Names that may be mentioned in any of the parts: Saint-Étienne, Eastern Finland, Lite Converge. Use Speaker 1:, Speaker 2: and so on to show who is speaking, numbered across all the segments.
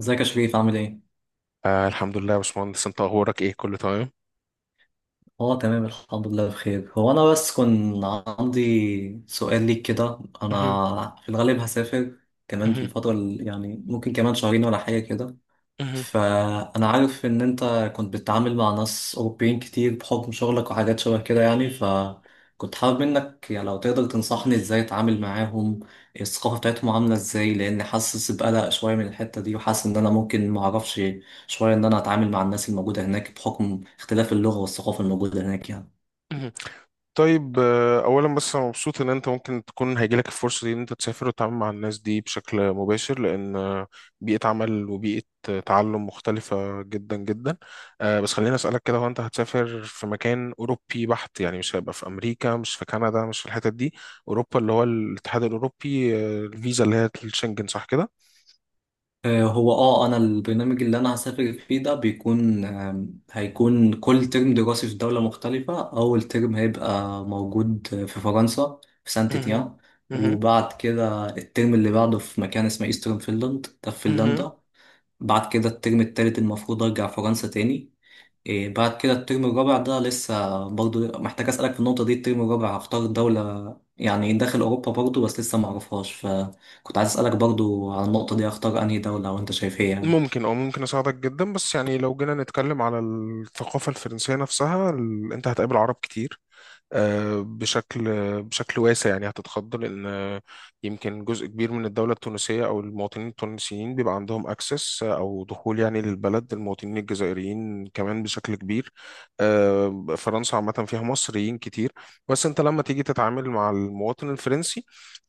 Speaker 1: ازيك يا شريف عامل ايه؟
Speaker 2: الحمد لله يا باشمهندس، انت اخبارك ايه، كله تمام.
Speaker 1: اه تمام الحمد لله بخير. هو انا بس كان عندي سؤال ليك كده.
Speaker 2: مهم.
Speaker 1: انا في الغالب هسافر كمان في
Speaker 2: مهم.
Speaker 1: الفترة ممكن كمان شهرين ولا حاجة كده.
Speaker 2: مهم.
Speaker 1: فأنا عارف إن أنت كنت بتتعامل مع ناس أوروبيين كتير بحكم شغلك وحاجات شبه كده يعني، فكنت حابب منك يعني لو تقدر تنصحني إزاي أتعامل معاهم، الثقافة بتاعتهم عاملة إزاي، لأن حاسس بقلق شوية من الحتة دي، وحاسس إن أنا ممكن معرفش شوية إن أنا أتعامل مع الناس الموجودة هناك بحكم اختلاف اللغة والثقافة الموجودة هناك يعني.
Speaker 2: مهم. طيب اولا بس انا مبسوط ان انت ممكن تكون هيجيلك الفرصه دي ان انت تسافر وتتعامل مع الناس دي بشكل مباشر، لان بيئه عمل وبيئه تعلم مختلفه جدا جدا. بس خليني اسالك كده، هو انت هتسافر في مكان اوروبي بحت يعني؟ مش هيبقى في امريكا، مش في كندا، مش في الحتت دي، اوروبا اللي هو الاتحاد الاوروبي، الفيزا اللي هي الشنجن صح كده؟
Speaker 1: هو اه انا البرنامج اللي انا هسافر فيه ده بيكون هيكون كل ترم دراسي في دولة مختلفة. اول ترم هيبقى موجود في فرنسا في سانت
Speaker 2: مهم.
Speaker 1: تيان،
Speaker 2: مهم.
Speaker 1: وبعد كده الترم اللي بعده في مكان اسمه ايسترن فينلاند ده في
Speaker 2: مهم.
Speaker 1: فنلندا. بعد كده الترم التالت المفروض ارجع فرنسا تاني. إيه بعد كده الترم الرابع ده لسه برضو محتاج أسألك في النقطة دي، الترم الرابع هختار دولة يعني داخل أوروبا برضو بس لسه معرفهاش، فكنت عايز أسألك برضو على النقطة دي هختار أنهي دولة وأنت شايف إيه يعني.
Speaker 2: ممكن او ممكن اساعدك جدا. بس يعني لو جينا نتكلم على الثقافه الفرنسيه نفسها، انت هتقابل عرب كتير، آه، بشكل بشكل واسع يعني، هتتخض لأن يمكن جزء كبير من الدولة التونسية أو المواطنين التونسيين بيبقى عندهم أكسس أو دخول يعني للبلد، المواطنين الجزائريين كمان بشكل كبير. فرنسا عامة فيها مصريين كتير. بس أنت لما تيجي تتعامل مع المواطن الفرنسي،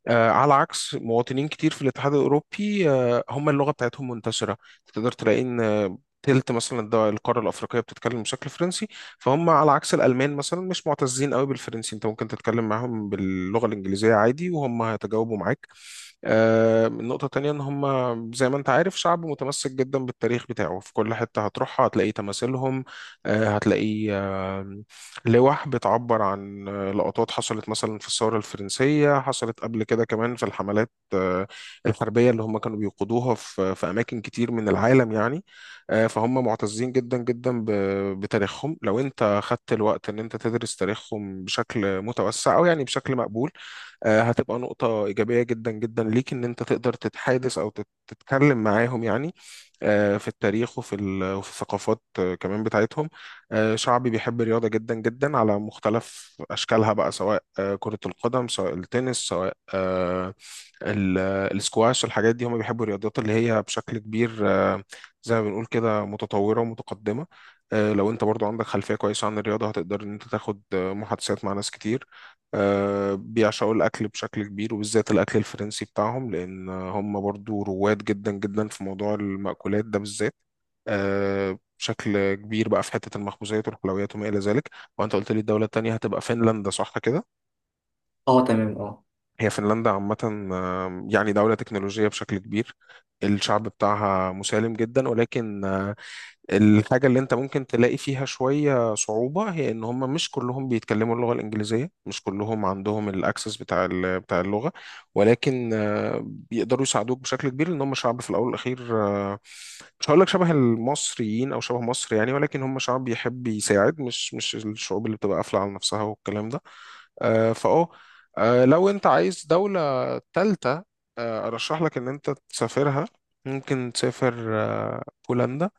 Speaker 2: على عكس مواطنين كتير في الاتحاد الأوروبي، هم اللغة بتاعتهم منتشرة، تقدر تلاقي إن تلت مثلا القارة الأفريقية بتتكلم بشكل فرنسي. فهم على عكس الالمان مثلا مش معتزين قوي بالفرنسي، انت ممكن تتكلم معاهم باللغه الانجليزيه عادي وهم هيتجاوبوا معاك. النقطة التانية إن هم زي ما أنت عارف شعب متمسك جدا بالتاريخ بتاعه، في كل حتة هتروحها هتلاقي تماثيلهم، هتلاقي لوح بتعبر عن لقطات حصلت مثلا في الثورة الفرنسية، حصلت قبل كده كمان في الحملات الحربية اللي هم كانوا بيقودوها في أماكن كتير من العالم يعني. فهم معتزين جدا جدا بتاريخهم. لو أنت خدت الوقت إن أنت تدرس تاريخهم بشكل متوسع أو يعني بشكل مقبول، هتبقى نقطة إيجابية جدا جدا ليك إن أنت تقدر تتحادث أو تتكلم معاهم يعني في التاريخ وفي وفي الثقافات كمان بتاعتهم. شعبي بيحب الرياضة جدا جدا على مختلف أشكالها بقى، سواء كرة القدم، سواء التنس، سواء ال- السكواش، الحاجات دي هم بيحبوا الرياضات اللي هي بشكل كبير زي ما بنقول كده متطورة ومتقدمة. لو انت برضو عندك خلفية كويسة عن الرياضة هتقدر ان انت تاخد محادثات مع ناس كتير. بيعشقوا الأكل بشكل كبير وبالذات الأكل الفرنسي بتاعهم، لأن هم برضو رواد جدا جدا في موضوع المأكولات ده بالذات بشكل كبير بقى في حتة المخبوزات والحلويات وما إلى ذلك. وأنت قلت لي الدولة التانية هتبقى فنلندا صح كده؟
Speaker 1: اه تمام اه.
Speaker 2: هي فنلندا عامة يعني دولة تكنولوجية بشكل كبير، الشعب بتاعها مسالم جدا ولكن الحاجة اللي انت ممكن تلاقي فيها شوية صعوبة هي ان هم مش كلهم بيتكلموا اللغة الانجليزية، مش كلهم عندهم الاكسس بتاع بتاع اللغة. ولكن بيقدروا يساعدوك بشكل كبير لان هم شعب في الاول والاخير، مش هقول لك شبه المصريين او شبه مصر يعني، ولكن هم شعب بيحب يساعد، مش الشعوب اللي بتبقى قافلة على نفسها والكلام ده. آه، فاه لو انت عايز دولة تالتة، ارشح لك ان انت تسافرها، ممكن تسافر بولندا.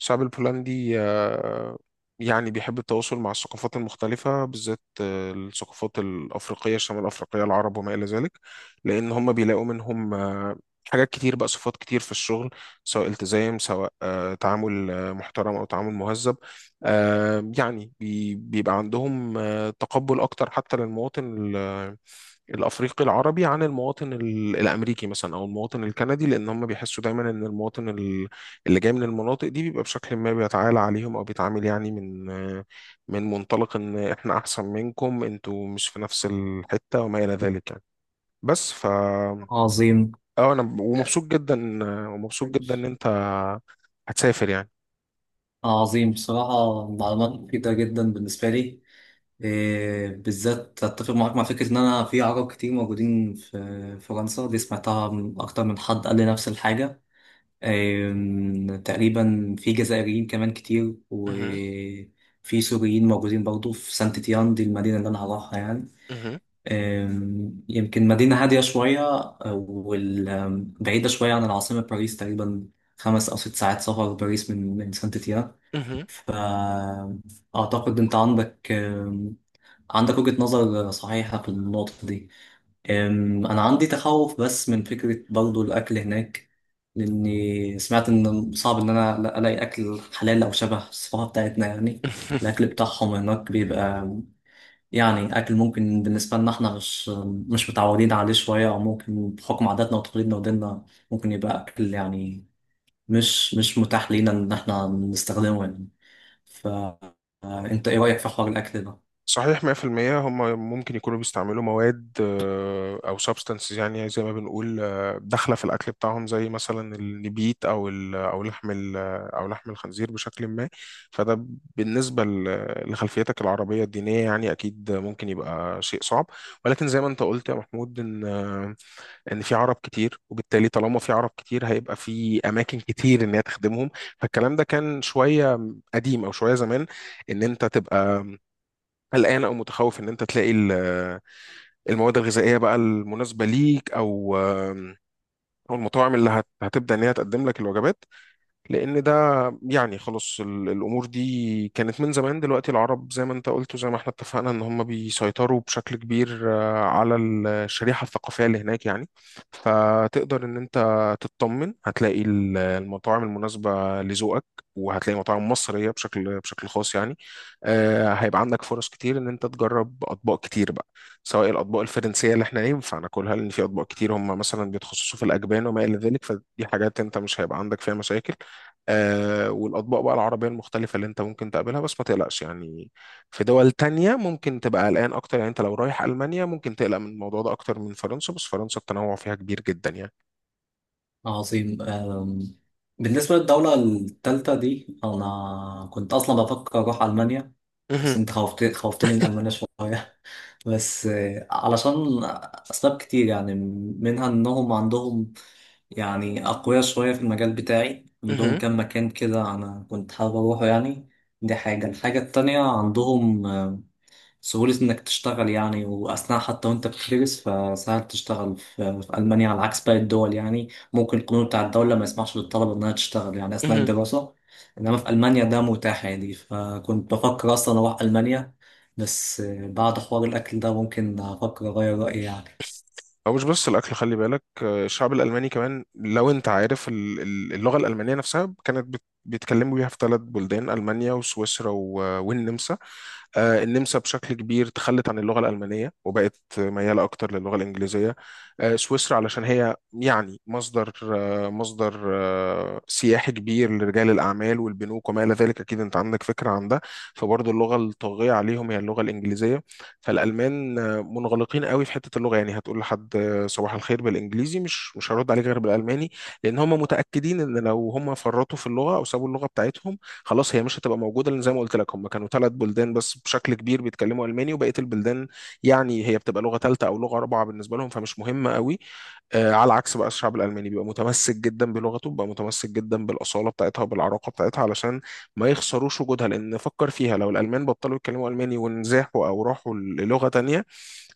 Speaker 2: الشعب البولندي يعني بيحب التواصل مع الثقافات المختلفة، بالذات الثقافات الأفريقية، الشمال الأفريقية، العرب وما إلى ذلك، لأن هم بيلاقوا منهم حاجات كتير بقى، صفات كتير في الشغل، سواء التزام، سواء تعامل محترم أو تعامل مهذب. يعني بيبقى عندهم تقبل أكتر حتى للمواطن الافريقي العربي عن المواطن الامريكي مثلا او المواطن الكندي، لان هم بيحسوا دايما ان المواطن اللي جاي من المناطق دي بيبقى بشكل ما بيتعالى عليهم او بيتعامل يعني من منطلق ان احنا احسن منكم، انتوا مش في نفس الحتة وما الى ذلك يعني. بس ف
Speaker 1: عظيم.
Speaker 2: اه انا ومبسوط جدا، ومبسوط جدا ان
Speaker 1: ماشي.
Speaker 2: انت هتسافر يعني.
Speaker 1: عظيم، بصراحة معلومات مفيدة جدا بالنسبة لي. إيه، بالذات أتفق معاك مع فكرة إن أنا في عرب كتير موجودين في فرنسا دي، سمعتها من أكتر من حد قال لي نفس الحاجة. تقريبا في جزائريين كمان كتير،
Speaker 2: مهم.
Speaker 1: وفي سوريين موجودين برضو في سانت تيان دي المدينة اللي أنا هروحها يعني.
Speaker 2: مهم.
Speaker 1: يمكن مدينة هادية شوية وبعيدة شوية عن العاصمة باريس، تقريبا 5 أو 6 ساعات سفر باريس من من سانت تيان.
Speaker 2: مهم.
Speaker 1: فأعتقد أنت عندك عندك وجهة نظر صحيحة في النقطة دي. أنا عندي تخوف بس من فكرة برضو الأكل هناك، لأني سمعت إن صعب إن أنا ألاقي أكل حلال أو شبه الصفحة بتاعتنا يعني. الأكل بتاعهم هناك بيبقى يعني أكل ممكن بالنسبة لنا إحنا مش متعودين عليه شوية، أو ممكن بحكم عاداتنا وتقاليدنا وديننا ممكن يبقى أكل يعني مش متاح لينا إن إحنا نستخدمه يعني. فأنت إيه رأيك في حوار الأكل ده؟
Speaker 2: صحيح 100%. هم ممكن يكونوا بيستعملوا مواد او سبستانسز يعني زي ما بنقول، داخله في الاكل بتاعهم، زي مثلا النبيت او لحم الخنزير بشكل ما. فده بالنسبه لخلفيتك العربيه الدينيه يعني اكيد ممكن يبقى شيء صعب. ولكن زي ما انت قلت يا محمود، ان ان في عرب كتير، وبالتالي طالما في عرب كتير هيبقى في اماكن كتير ان هي تخدمهم. فالكلام ده كان شويه قديم او شويه زمان، ان انت تبقى قلقان او متخوف ان انت تلاقي المواد الغذائيه بقى المناسبه ليك، او المطاعم اللي هتبدا ان هي تقدم لك الوجبات، لان ده يعني خلاص الامور دي كانت من زمان. دلوقتي العرب زي ما انت قلت وزي ما احنا اتفقنا ان هم بيسيطروا بشكل كبير على الشريحه الثقافيه اللي هناك يعني. فتقدر ان انت تطمن، هتلاقي المطاعم المناسبه لذوقك، وهتلاقي مطاعم مصريه بشكل خاص يعني. هيبقى عندك فرص كتير ان انت تجرب اطباق كتير بقى، سواء الاطباق الفرنسيه اللي احنا ينفع ناكلها، لان في اطباق كتير هم مثلا بيتخصصوا في الاجبان وما الى ذلك، فدي حاجات انت مش هيبقى عندك فيها مشاكل. والأطباق بقى العربية المختلفة اللي أنت ممكن تقابلها، بس ما تقلقش يعني. في دول تانية ممكن تبقى قلقان أكتر يعني، أنت لو رايح ألمانيا ممكن تقلق من الموضوع ده أكتر من فرنسا، بس فرنسا التنوع فيها كبير جدا يعني.
Speaker 1: عظيم. بالنسبة للدولة التالتة دي أنا كنت أصلا بفكر أروح ألمانيا، بس
Speaker 2: مهم.
Speaker 1: أنت خوفت خوفتني من ألمانيا شوية. بس علشان أسباب كتير يعني، منها إنهم عندهم يعني أقوياء شوية في المجال بتاعي، عندهم
Speaker 2: مهم.
Speaker 1: كام مكان كده أنا كنت حابب أروحه يعني. دي حاجة. الحاجة التانية عندهم سهولة إنك تشتغل يعني، وأثناء حتى وأنت بتدرس فسهل تشتغل في ألمانيا على عكس باقي الدول يعني. ممكن القانون بتاع الدولة ما يسمحش للطلبة إنها تشتغل يعني أثناء
Speaker 2: مهم.
Speaker 1: الدراسة، إنما في ألمانيا ده متاح يعني. فكنت بفكر أصلا أروح ألمانيا بس بعد حوار الأكل ده ممكن أفكر أغير رأيي يعني.
Speaker 2: أو مش بس الأكل خلي بالك، الشعب الألماني كمان، لو أنت عارف اللغة الألمانية نفسها كانت بيتكلموا بيها في ثلاث بلدان، ألمانيا وسويسرا والنمسا. النمسا بشكل كبير تخلت عن اللغة الألمانية وبقت ميالة أكتر للغة الإنجليزية. سويسرا علشان هي يعني مصدر مصدر سياحي كبير لرجال الأعمال والبنوك وما إلى ذلك، أكيد أنت عندك فكرة عن ده، فبرضه اللغة الطاغية عليهم هي اللغة الإنجليزية. فالألمان منغلقين قوي في حتة اللغة يعني، هتقول لحد صباح الخير بالإنجليزي، مش هرد عليك غير بالألماني. لأن هم متأكدين إن لو هم فرطوا في اللغة أو سابوا اللغة بتاعتهم خلاص هي مش هتبقى موجوده، لان زي ما قلت لك هم كانوا ثلاث بلدان بس بشكل كبير بيتكلموا الماني، وبقيه البلدان يعني هي بتبقى لغه ثالثه او لغه رابعه بالنسبه لهم فمش مهمه قوي. على عكس بقى الشعب الالماني بيبقى متمسك جدا بلغته، بيبقى متمسك جدا بالاصاله بتاعتها وبالعراقه بتاعتها علشان ما يخسروش وجودها. لان فكر فيها، لو الالمان بطلوا يتكلموا الماني ونزاحوا او راحوا للغه تانية،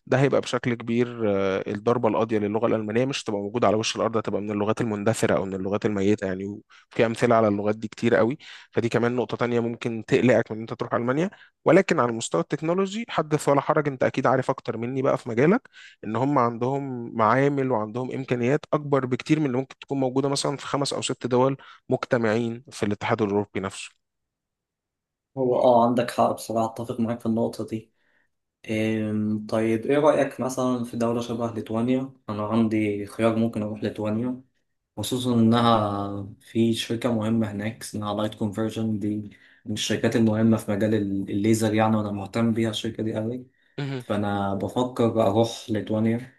Speaker 2: ده هيبقى بشكل كبير الضربة القاضية للغة الألمانية، مش هتبقى موجودة على وش الأرض، هتبقى من اللغات المندثرة أو من اللغات الميتة يعني، وفي أمثلة على اللغات دي كتير قوي. فدي كمان نقطة تانية ممكن تقلقك من إن أنت تروح ألمانيا. ولكن على المستوى التكنولوجي حدث ولا حرج، أنت أكيد عارف أكتر مني بقى في مجالك، إن هم عندهم معامل وعندهم إمكانيات أكبر بكتير من اللي ممكن تكون موجودة مثلا في خمس أو ست دول مجتمعين في الاتحاد الأوروبي نفسه.
Speaker 1: هو آه عندك حق بصراحة، أتفق معاك في النقطة دي. طيب إيه رأيك مثلا في دولة شبه ليتوانيا؟ أنا عندي خيار ممكن أروح ليتوانيا، خصوصا إنها في شركة مهمة هناك اسمها لايت كونفرجن دي، من الشركات المهمة في مجال الليزر يعني، وأنا مهتم بيها الشركة دي أوي. فأنا بفكر أروح ليتوانيا.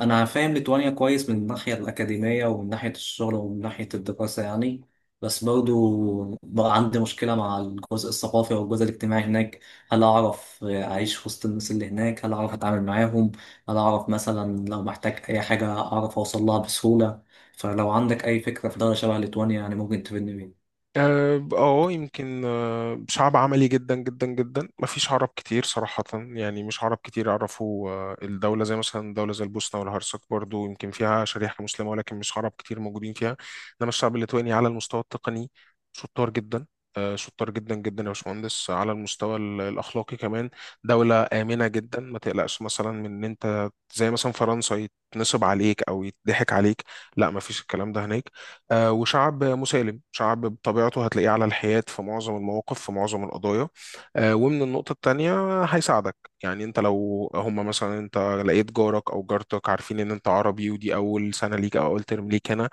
Speaker 1: انا فاهم ليتوانيا كويس من الناحيه الاكاديميه ومن ناحيه الشغل ومن ناحيه الدراسه يعني، بس برضو بقى عندي مشكله مع الجزء الثقافي والجزء الاجتماعي هناك. هل اعرف اعيش وسط الناس اللي هناك، هل اعرف اتعامل معاهم، هل اعرف مثلا لو محتاج اي حاجه اعرف اوصل لها بسهوله. فلو عندك اي فكره في دوله شبه ليتوانيا يعني ممكن تفيدني بيها.
Speaker 2: يمكن شعب عملي جدا جدا جدا، ما فيش عرب كتير صراحة يعني، مش عرب كتير يعرفوا الدولة، زي مثلا دولة زي البوسنة والهرسك برضو يمكن فيها شريحة مسلمة ولكن مش عرب كتير موجودين فيها. إنما الشعب الليتواني على المستوى التقني شطار جدا، شطار جدا جدا يا باشمهندس. على المستوى الأخلاقي كمان دولة آمنة جدا، ما تقلقش مثلا من إن أنت زي مثلا فرنسا يتنصب عليك أو يتضحك عليك، لا ما فيش الكلام ده هناك. وشعب مسالم، شعب بطبيعته هتلاقيه على الحياد في معظم المواقف في معظم القضايا. ومن النقطة التانية هيساعدك يعني، انت لو هما مثلا، انت لقيت جارك او جارتك عارفين ان انت عربي ودي اول سنة ليك او اول ترم ليك هنا،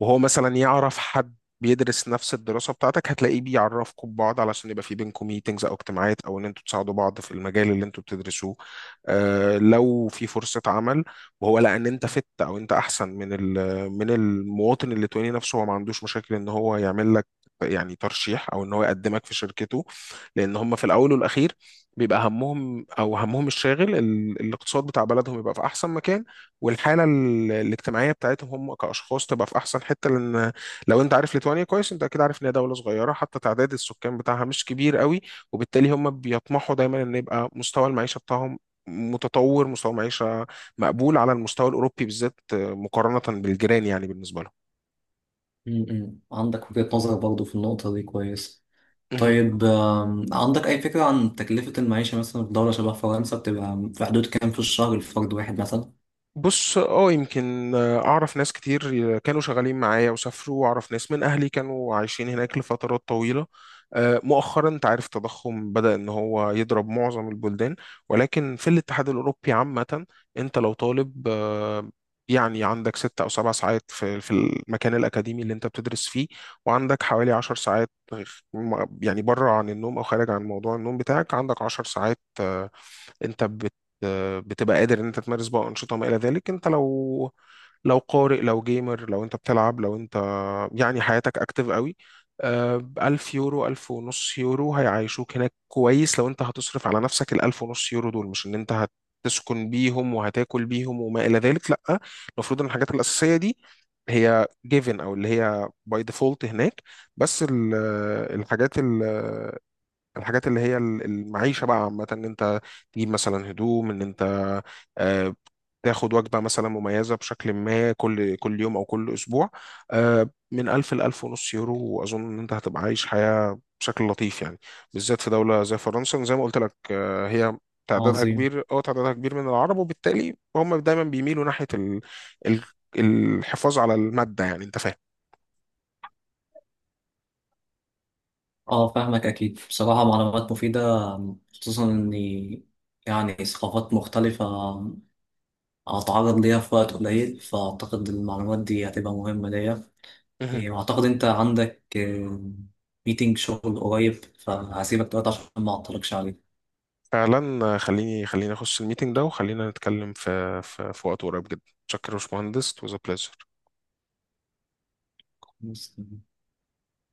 Speaker 2: وهو مثلا يعرف حد بيدرس نفس الدراسة بتاعتك، هتلاقيه بيعرفكم ببعض علشان يبقى في بينكم ميتنجز أو اجتماعات أو إن أنتوا تساعدوا بعض في المجال اللي أنتوا بتدرسوه. آه لو في فرصة عمل وهو لقى إن أنت فت أو أنت أحسن من من المواطن الليتواني نفسه، هو ما عندوش مشاكل إن هو يعمل لك يعني ترشيح أو إن هو يقدمك في شركته. لأن هم في الأول والأخير بيبقى همهم أو همهم الشاغل الاقتصاد بتاع بلدهم يبقى في أحسن مكان، والحاله الاجتماعيه بتاعتهم هم كاشخاص تبقى في احسن حته. لان لو انت عارف ليتوانيا كويس انت اكيد عارف ان هي دوله صغيره، حتى تعداد السكان بتاعها مش كبير قوي، وبالتالي هم بيطمحوا دايما ان يبقى مستوى المعيشه بتاعهم متطور، مستوى معيشه مقبول على المستوى الاوروبي بالذات مقارنه بالجيران يعني بالنسبه
Speaker 1: م- م. عندك وجهه نظر برضو في النقطه دي كويس.
Speaker 2: لهم.
Speaker 1: طيب عندك أي فكرة عن تكلفة المعيشة مثلا في دولة شبه فرنسا بتبقى في حدود كام في الشهر لفرد واحد مثلا؟
Speaker 2: بص يمكن اعرف ناس كتير كانوا شغالين معايا وسافروا، واعرف ناس من اهلي كانوا عايشين هناك لفترات طويلة. مؤخرا انت عارف التضخم بدأ ان هو يضرب معظم البلدان، ولكن في الاتحاد الاوروبي عامة، انت لو طالب يعني عندك ست او سبع ساعات في المكان الاكاديمي اللي انت بتدرس فيه، وعندك حوالي عشر ساعات يعني بره عن النوم او خارج عن موضوع النوم بتاعك، عندك عشر ساعات انت بتبقى قادر ان انت تمارس بقى انشطه ما الى ذلك. انت لو قارئ لو جيمر لو انت بتلعب لو انت يعني حياتك اكتف قوي، ألف يورو، ألف ونص يورو هيعيشوك هناك كويس. لو انت هتصرف على نفسك الألف ونص يورو دول، مش ان انت هتسكن بيهم وهتاكل بيهم وما إلى ذلك لأ، المفروض ان الحاجات الأساسية دي هي given أو اللي هي by default هناك. بس الحاجات اللي هي المعيشة بقى عامة ان انت تجيب مثلا هدوم، ان انت آه، تاخد وجبة مثلا مميزة بشكل ما كل كل يوم او كل اسبوع، من 1000 ل 1000 ونص يورو، واظن ان انت هتبقى عايش حياة بشكل لطيف يعني. بالذات في دولة زي فرنسا زي ما قلت لك، هي تعدادها
Speaker 1: عظيم.
Speaker 2: كبير، تعدادها كبير من العرب وبالتالي هم دايما بيميلوا ناحية ال- الحفاظ على المادة يعني، انت
Speaker 1: اه فاهمك أكيد، بصراحة معلومات مفيدة. خصوصا إني يعني ثقافات مختلفة. هتعرض ليها في وقت قليل فأعتقد المعلومات دي هتبقى مهمة ليا.
Speaker 2: فاهم.
Speaker 1: إيه، وأعتقد أنت عندك ميتينج شغل قريب فهسيبك دلوقتي عشان ما أعطلكش
Speaker 2: فعلا خليني، خليني اخش الميتنج ده وخلينا نتكلم في, وقت قريب جدا. شكرا يا باشمهندس it was a pleasure
Speaker 1: عليه